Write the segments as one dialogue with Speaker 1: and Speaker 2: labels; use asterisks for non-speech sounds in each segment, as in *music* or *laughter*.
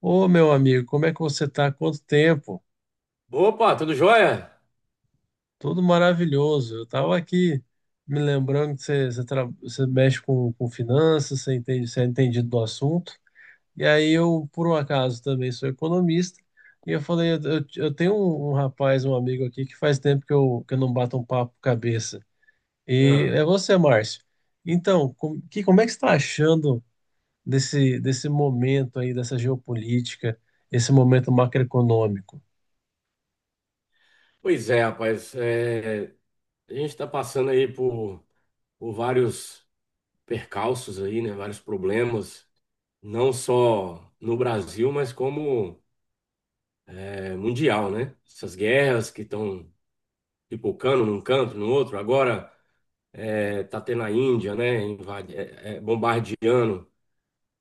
Speaker 1: Ô, meu amigo, como é que você tá? Quanto tempo?
Speaker 2: Opa, tudo jóia?
Speaker 1: Tudo maravilhoso. Eu tava aqui me lembrando que você mexe com finanças, você entende, você é entendido do assunto. E aí eu, por um acaso, também sou economista. E eu falei, eu tenho um rapaz, um amigo aqui, que faz tempo que eu não bato um papo cabeça. E
Speaker 2: Ah,
Speaker 1: é você, Márcio. Então, como é que você está achando desse momento aí, dessa geopolítica, esse momento macroeconômico?
Speaker 2: pois é, rapaz. É, a gente está passando aí por vários percalços aí, né? Vários problemas, não só no Brasil, mas como mundial, né? Essas guerras que estão pipocando num canto, no outro. Agora tá tendo a Índia, né? Invade, bombardeando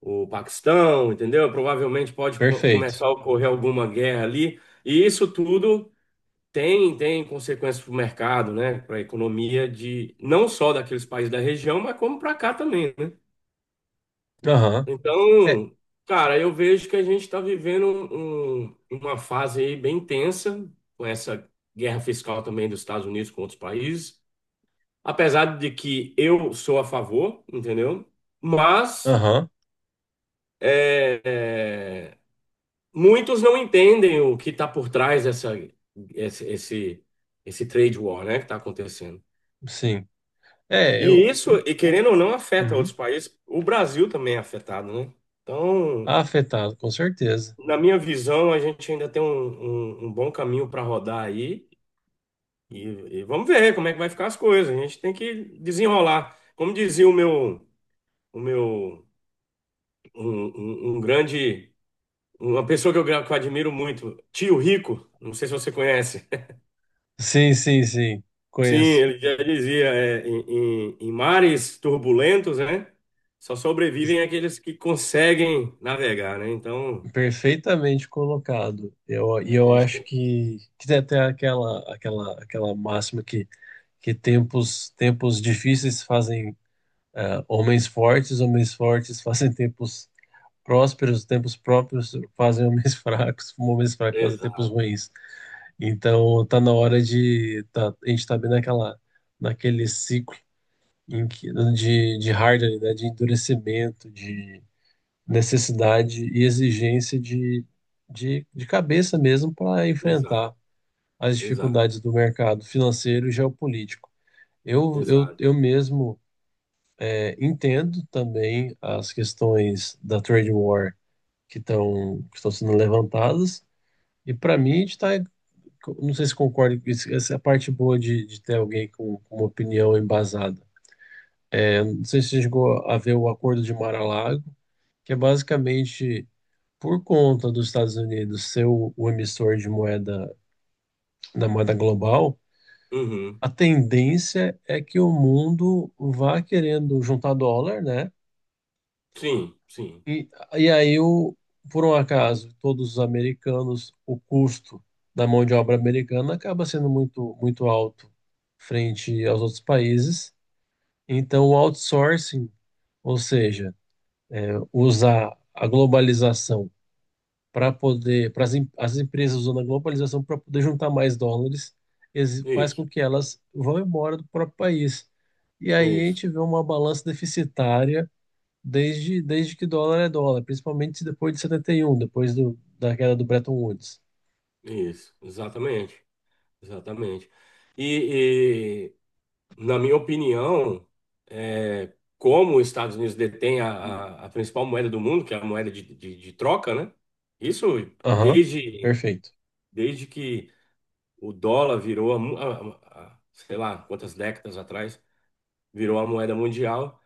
Speaker 2: o Paquistão, entendeu? Provavelmente pode co-
Speaker 1: Perfeito.
Speaker 2: começar a ocorrer alguma guerra ali. E isso tudo. Tem consequências para o mercado, né? Para a economia de não só daqueles países da região, mas como para cá também, né?
Speaker 1: Aham. É,
Speaker 2: Então, cara, eu vejo que a gente está vivendo uma fase aí bem tensa com essa guerra fiscal também dos Estados Unidos com outros países. Apesar de que eu sou a favor, entendeu? Mas
Speaker 1: aham,
Speaker 2: é, é, muitos não entendem o que está por trás dessa, esse, esse, esse trade war, né? Que está acontecendo.
Speaker 1: sim. É, eu,
Speaker 2: E isso,
Speaker 1: o-
Speaker 2: e
Speaker 1: o-
Speaker 2: querendo ou não, afeta outros
Speaker 1: uhum.
Speaker 2: países. O Brasil também é afetado, né? Então,
Speaker 1: Tá afetado, com certeza.
Speaker 2: na minha visão, a gente ainda tem um bom caminho para rodar aí. E, e vamos ver como é que vai ficar as coisas. A gente tem que desenrolar. Como dizia o meu, um, um- um grande, uma pessoa que eu admiro muito, Tio Rico. Não sei se você conhece.
Speaker 1: Sim, sim, sim.
Speaker 2: Sim,
Speaker 1: Conheço.
Speaker 2: ele já dizia, em mares turbulentos, né? Só
Speaker 1: Es-
Speaker 2: sobrevivem aqueles que conseguem navegar, né? Então,
Speaker 1: Perfeitamente colocado.
Speaker 2: a
Speaker 1: Eu
Speaker 2: gente
Speaker 1: acho
Speaker 2: tem.
Speaker 1: que tem até aquela máxima que tempos difíceis fazem homens fortes *laughs* fazem tempos prósperos, tempos próprios fazem homens *laughs* fracos, homens fracos fazem tempos
Speaker 2: Exato,
Speaker 1: ruins. Então tá na hora de a gente tá bem naquela naquele ciclo em que de hardware, né, de endurecimento, de necessidade e exigência de de cabeça mesmo para
Speaker 2: exato,
Speaker 1: enfrentar as
Speaker 2: exato,
Speaker 1: dificuldades do mercado financeiro e geopolítico.
Speaker 2: exato.
Speaker 1: Eu mesmo entendo também as questões da trade war que estão sendo levantadas e para mim a gente está. Não sei se concorda com isso, essa é a parte boa de ter alguém com uma opinião embasada. Não sei se você chegou a ver o Acordo de Mar-a-Lago, que é basicamente por conta dos Estados Unidos ser o emissor de moeda, da moeda global,
Speaker 2: Uhum.
Speaker 1: a tendência é que o mundo vá querendo juntar dólar, né?
Speaker 2: Sim, sim.
Speaker 1: E, e aí, o, por um acaso, todos os americanos, o custo da mão de obra americana acaba sendo muito alto frente aos outros países. Então, o outsourcing, ou seja, usar a globalização para poder, as empresas usando a globalização para poder juntar mais dólares, faz
Speaker 2: Isso,
Speaker 1: com que elas vão embora do próprio país. E aí a
Speaker 2: isso,
Speaker 1: gente vê uma balança deficitária desde que dólar é dólar, principalmente depois de 71, depois da queda do Bretton Woods.
Speaker 2: isso. Exatamente, exatamente. E, e, na minha opinião, é, como os Estados Unidos detêm a principal moeda do mundo, que é a moeda de troca, né? Isso
Speaker 1: Aham,
Speaker 2: desde
Speaker 1: perfeito.
Speaker 2: Desde que o dólar virou, a mo- a- sei lá, quantas décadas atrás, virou a moeda mundial.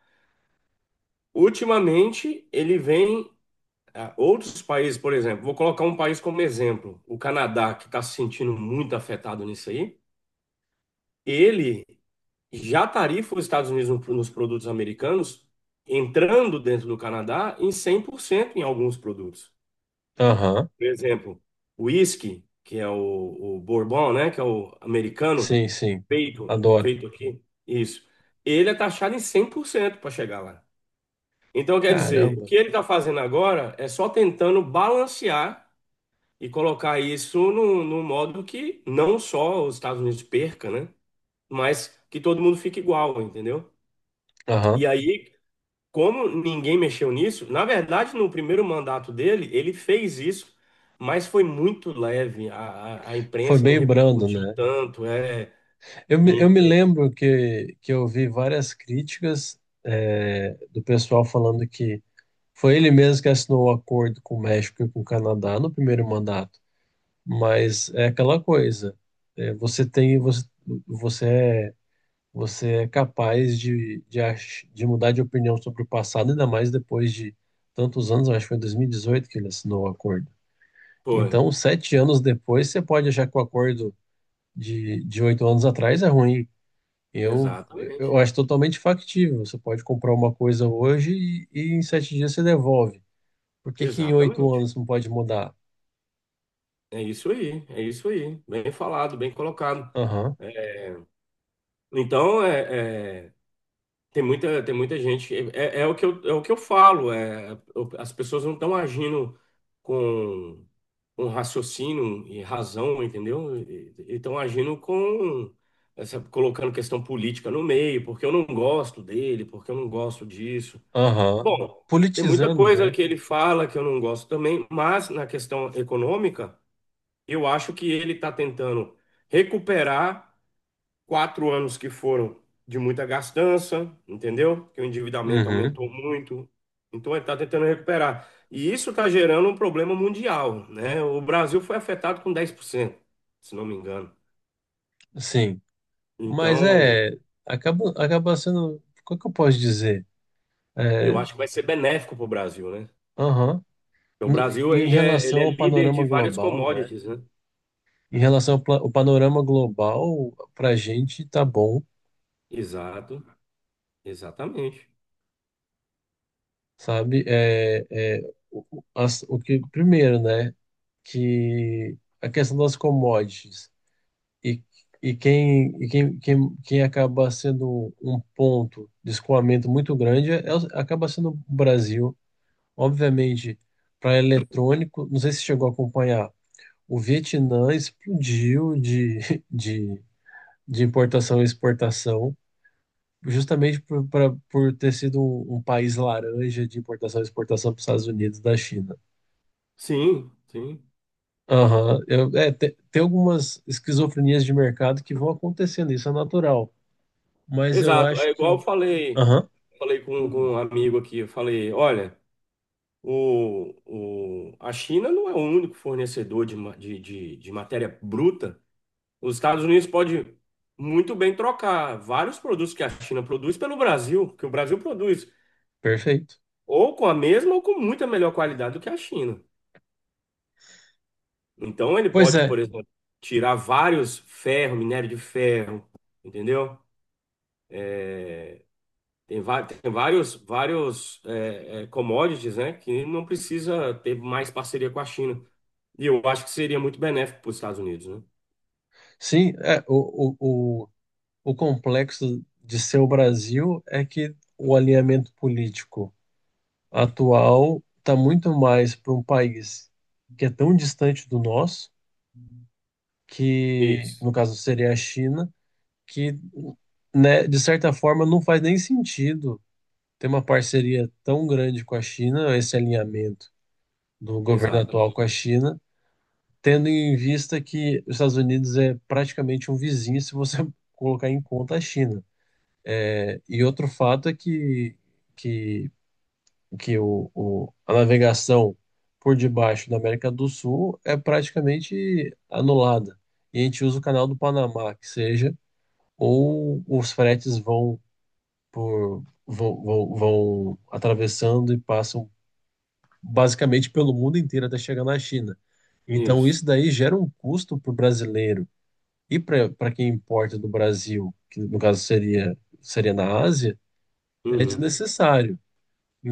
Speaker 2: Ultimamente, ele vem. A Outros países, por exemplo, vou colocar um país como exemplo, o Canadá, que está se sentindo muito afetado nisso aí, ele já tarifa os Estados Unidos nos produtos americanos, entrando dentro do Canadá em 100% em alguns produtos.
Speaker 1: Aham,
Speaker 2: Por exemplo, o whisky, que é o bourbon, né? Que é o americano,
Speaker 1: sim, sim.
Speaker 2: feito,
Speaker 1: Adoro.
Speaker 2: feito aqui, isso. Ele é taxado em 100% para chegar lá. Então, quer dizer, o
Speaker 1: Caramba.
Speaker 2: que ele está fazendo agora é só tentando balancear e colocar isso num, num modo que não só os Estados Unidos perca, né? Mas que todo mundo fique igual, entendeu?
Speaker 1: Aham.
Speaker 2: E aí, como ninguém mexeu nisso, na verdade, no primeiro mandato dele, ele fez isso, mas foi muito leve. A
Speaker 1: Foi
Speaker 2: imprensa não
Speaker 1: meio brando,
Speaker 2: repercutiu
Speaker 1: né?
Speaker 2: tanto. E-
Speaker 1: Eu me
Speaker 2: e-
Speaker 1: lembro que eu vi várias críticas, do pessoal falando que foi ele mesmo que assinou o acordo com o México e com o Canadá no primeiro mandato. Mas é aquela coisa. é, você tem, você, você é você é capaz de mudar de opinião sobre o passado, ainda mais depois de tantos anos, eu acho que foi em 2018 que ele assinou o acordo.
Speaker 2: Foi,
Speaker 1: Então, sete anos depois, você pode achar que o acordo de oito anos atrás é ruim. Eu,
Speaker 2: exatamente,
Speaker 1: eu acho totalmente factível. Você pode comprar uma coisa hoje e em sete dias você devolve. Por que que em oito
Speaker 2: exatamente.
Speaker 1: anos não pode mudar?
Speaker 2: É isso aí, é isso aí. Bem falado, bem colocado.
Speaker 1: Aham,
Speaker 2: É, Então, tem muita, tem muita gente. É o que eu falo. As pessoas não estão agindo com, com raciocínio e razão, entendeu? E estão agindo, colocando questão política no meio, porque eu não gosto dele, porque eu não gosto disso.
Speaker 1: aham.
Speaker 2: Bom, tem muita
Speaker 1: Politizando,
Speaker 2: coisa
Speaker 1: né?
Speaker 2: que ele fala que eu não gosto também, mas na questão econômica, eu acho que ele está tentando recuperar. 4 anos que foram de muita gastança, entendeu? Que o endividamento
Speaker 1: Uhum,
Speaker 2: aumentou muito. Então ele está tentando recuperar. E isso está gerando um problema mundial, né? O Brasil foi afetado com 10%, se não me engano.
Speaker 1: sim. Mas
Speaker 2: Então,
Speaker 1: é, acaba sendo, como é que eu posso dizer? É,
Speaker 2: eu acho que vai ser benéfico para o Brasil, né?
Speaker 1: aham.
Speaker 2: Porque o Brasil,
Speaker 1: Em
Speaker 2: ele
Speaker 1: relação
Speaker 2: é
Speaker 1: ao
Speaker 2: líder de
Speaker 1: panorama
Speaker 2: várias
Speaker 1: global, né?
Speaker 2: commodities, né?
Speaker 1: Em relação o panorama global, para a gente tá bom,
Speaker 2: Exato, exatamente.
Speaker 1: sabe? O que, primeiro, né? Que a questão das commodities e, e, quem acaba sendo um ponto de escoamento muito grande é, acaba sendo o Brasil. Obviamente, para eletrônico, não sei se chegou a acompanhar. O Vietnã explodiu *laughs* de, de importação e exportação, justamente por ter sido um país laranja de importação e exportação para os Estados Unidos da China.
Speaker 2: Sim, sim.
Speaker 1: Aham, tem algumas esquizofrenias de mercado que vão acontecendo, isso é natural. Mas eu
Speaker 2: Exato.
Speaker 1: acho
Speaker 2: É igual eu
Speaker 1: que.
Speaker 2: falei,
Speaker 1: Aham,
Speaker 2: falei com um amigo aqui, eu falei, olha. A China não é o único fornecedor de, ma- de matéria bruta. Os Estados Unidos pode muito bem trocar vários produtos que a China produz pelo Brasil, que o Brasil produz,
Speaker 1: perfeito.
Speaker 2: ou com a mesma ou com muita melhor qualidade do que a China. Então ele
Speaker 1: Pois
Speaker 2: pode,
Speaker 1: é,
Speaker 2: por exemplo, tirar vários ferro, minério de ferro, entendeu? Tem vários commodities, né, que não precisa ter mais parceria com a China. E eu acho que seria muito benéfico para os Estados Unidos, né?
Speaker 1: sim, o complexo de ser o Brasil é que o alinhamento político atual está muito mais para um país que é tão distante do nosso, que
Speaker 2: Isso,
Speaker 1: no caso seria a China, que, né, de certa forma não faz nem sentido ter uma parceria tão grande com a China, esse alinhamento do governo atual
Speaker 2: exatamente.
Speaker 1: com a China, tendo em vista que os Estados Unidos é praticamente um vizinho se você *laughs* colocar em conta a China. É, e outro fato é que, que a navegação por debaixo da América do Sul é praticamente anulada. E a gente usa o canal do Panamá, que seja, ou os fretes vão vão atravessando e passam basicamente pelo mundo inteiro até chegar na China. Então
Speaker 2: Isso.
Speaker 1: isso daí gera um custo para o brasileiro e para quem importa do Brasil, que no caso seria na Ásia, é
Speaker 2: Uhum.
Speaker 1: desnecessário.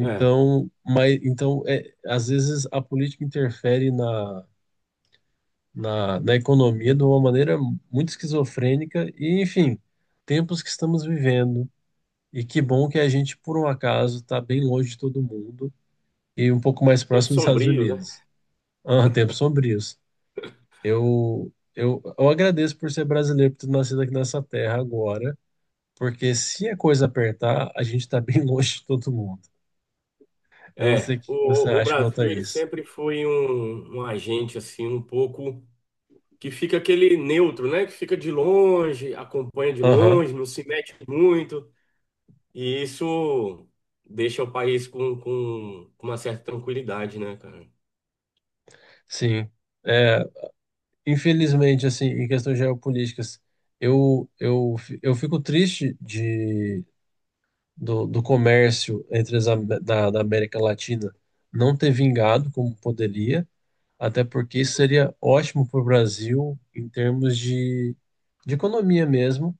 Speaker 2: É.
Speaker 1: mas, então é, às vezes a política interfere na, na economia de uma maneira muito esquizofrênica e, enfim, tempos que estamos vivendo. E que bom que a gente, por um acaso, está bem longe de todo mundo e um pouco mais
Speaker 2: Tempos
Speaker 1: próximo dos Estados
Speaker 2: sombrios, né?
Speaker 1: Unidos. Ah, tempos sombrios. Eu agradeço por ser brasileiro, por ter nascido aqui nessa terra agora, porque se a coisa apertar, a gente está bem *laughs* longe de todo mundo. Eu não
Speaker 2: É.
Speaker 1: sei o que você
Speaker 2: O
Speaker 1: acha quanto a
Speaker 2: Brasil, ele
Speaker 1: isso.
Speaker 2: sempre foi um agente, assim, um pouco que fica aquele neutro, né? Que fica de longe, acompanha de
Speaker 1: Aham.
Speaker 2: longe, não se mete muito. E isso deixa o país com uma certa tranquilidade, né, cara?
Speaker 1: Sim. É, infelizmente, assim, em questões geopolíticas, eu, eu, eu fico triste do, do comércio entre da América Latina não ter vingado como poderia, até porque isso seria ótimo para o Brasil em termos de economia mesmo.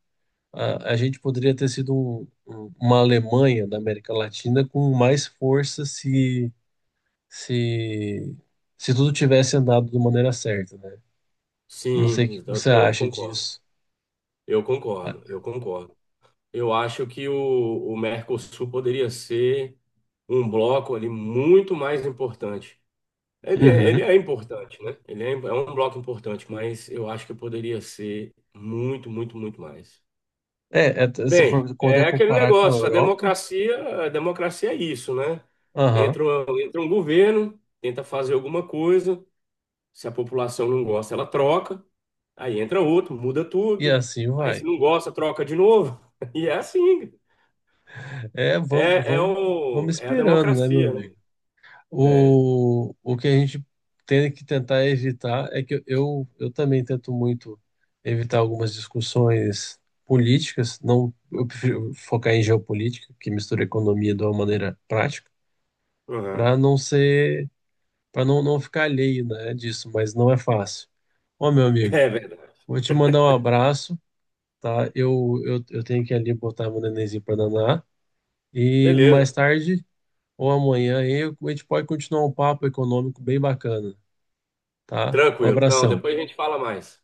Speaker 1: A gente poderia ter sido uma Alemanha da América Latina com mais força se, se tudo tivesse andado de maneira certa, né? Não sei o que
Speaker 2: Sim,
Speaker 1: você
Speaker 2: eu
Speaker 1: acha
Speaker 2: concordo.
Speaker 1: disso.
Speaker 2: Eu
Speaker 1: Ah,
Speaker 2: concordo, eu concordo. Eu acho que o Mercosul poderia ser um bloco ali muito mais importante. Ele
Speaker 1: uhum.
Speaker 2: é importante, né? Ele é, é um bloco importante, mas eu acho que poderia ser muito, muito, muito mais.
Speaker 1: É, é, se você
Speaker 2: Bem,
Speaker 1: for contar,
Speaker 2: é aquele
Speaker 1: comparar com a
Speaker 2: negócio,
Speaker 1: Europa,
Speaker 2: a democracia é isso, né?
Speaker 1: aham,
Speaker 2: Entra um governo, tenta fazer alguma coisa, se a população não gosta, ela troca, aí entra outro, muda
Speaker 1: e
Speaker 2: tudo,
Speaker 1: assim
Speaker 2: aí se
Speaker 1: vai.
Speaker 2: não gosta, troca de novo, *laughs* e é assim.
Speaker 1: É,
Speaker 2: É, é,
Speaker 1: vamos
Speaker 2: o, é a
Speaker 1: esperando, né, meu
Speaker 2: democracia, né?
Speaker 1: amigo?
Speaker 2: É,
Speaker 1: O que a gente tem que tentar evitar é que eu também tento muito evitar algumas discussões políticas, não, eu prefiro focar em geopolítica, que mistura economia de uma maneira prática,
Speaker 2: uhum.
Speaker 1: para não ser, para não ficar alheio, né, disso, mas não é fácil. Ó, meu amigo.
Speaker 2: É verdade.
Speaker 1: Vou te mandar um abraço, tá? Eu tenho que ali botar meu nenenzinho para danar. E
Speaker 2: Beleza.
Speaker 1: mais tarde ou amanhã aí, a gente pode continuar um papo econômico bem bacana, tá? Um
Speaker 2: Tranquilo. Não,
Speaker 1: abração.
Speaker 2: depois a gente fala mais.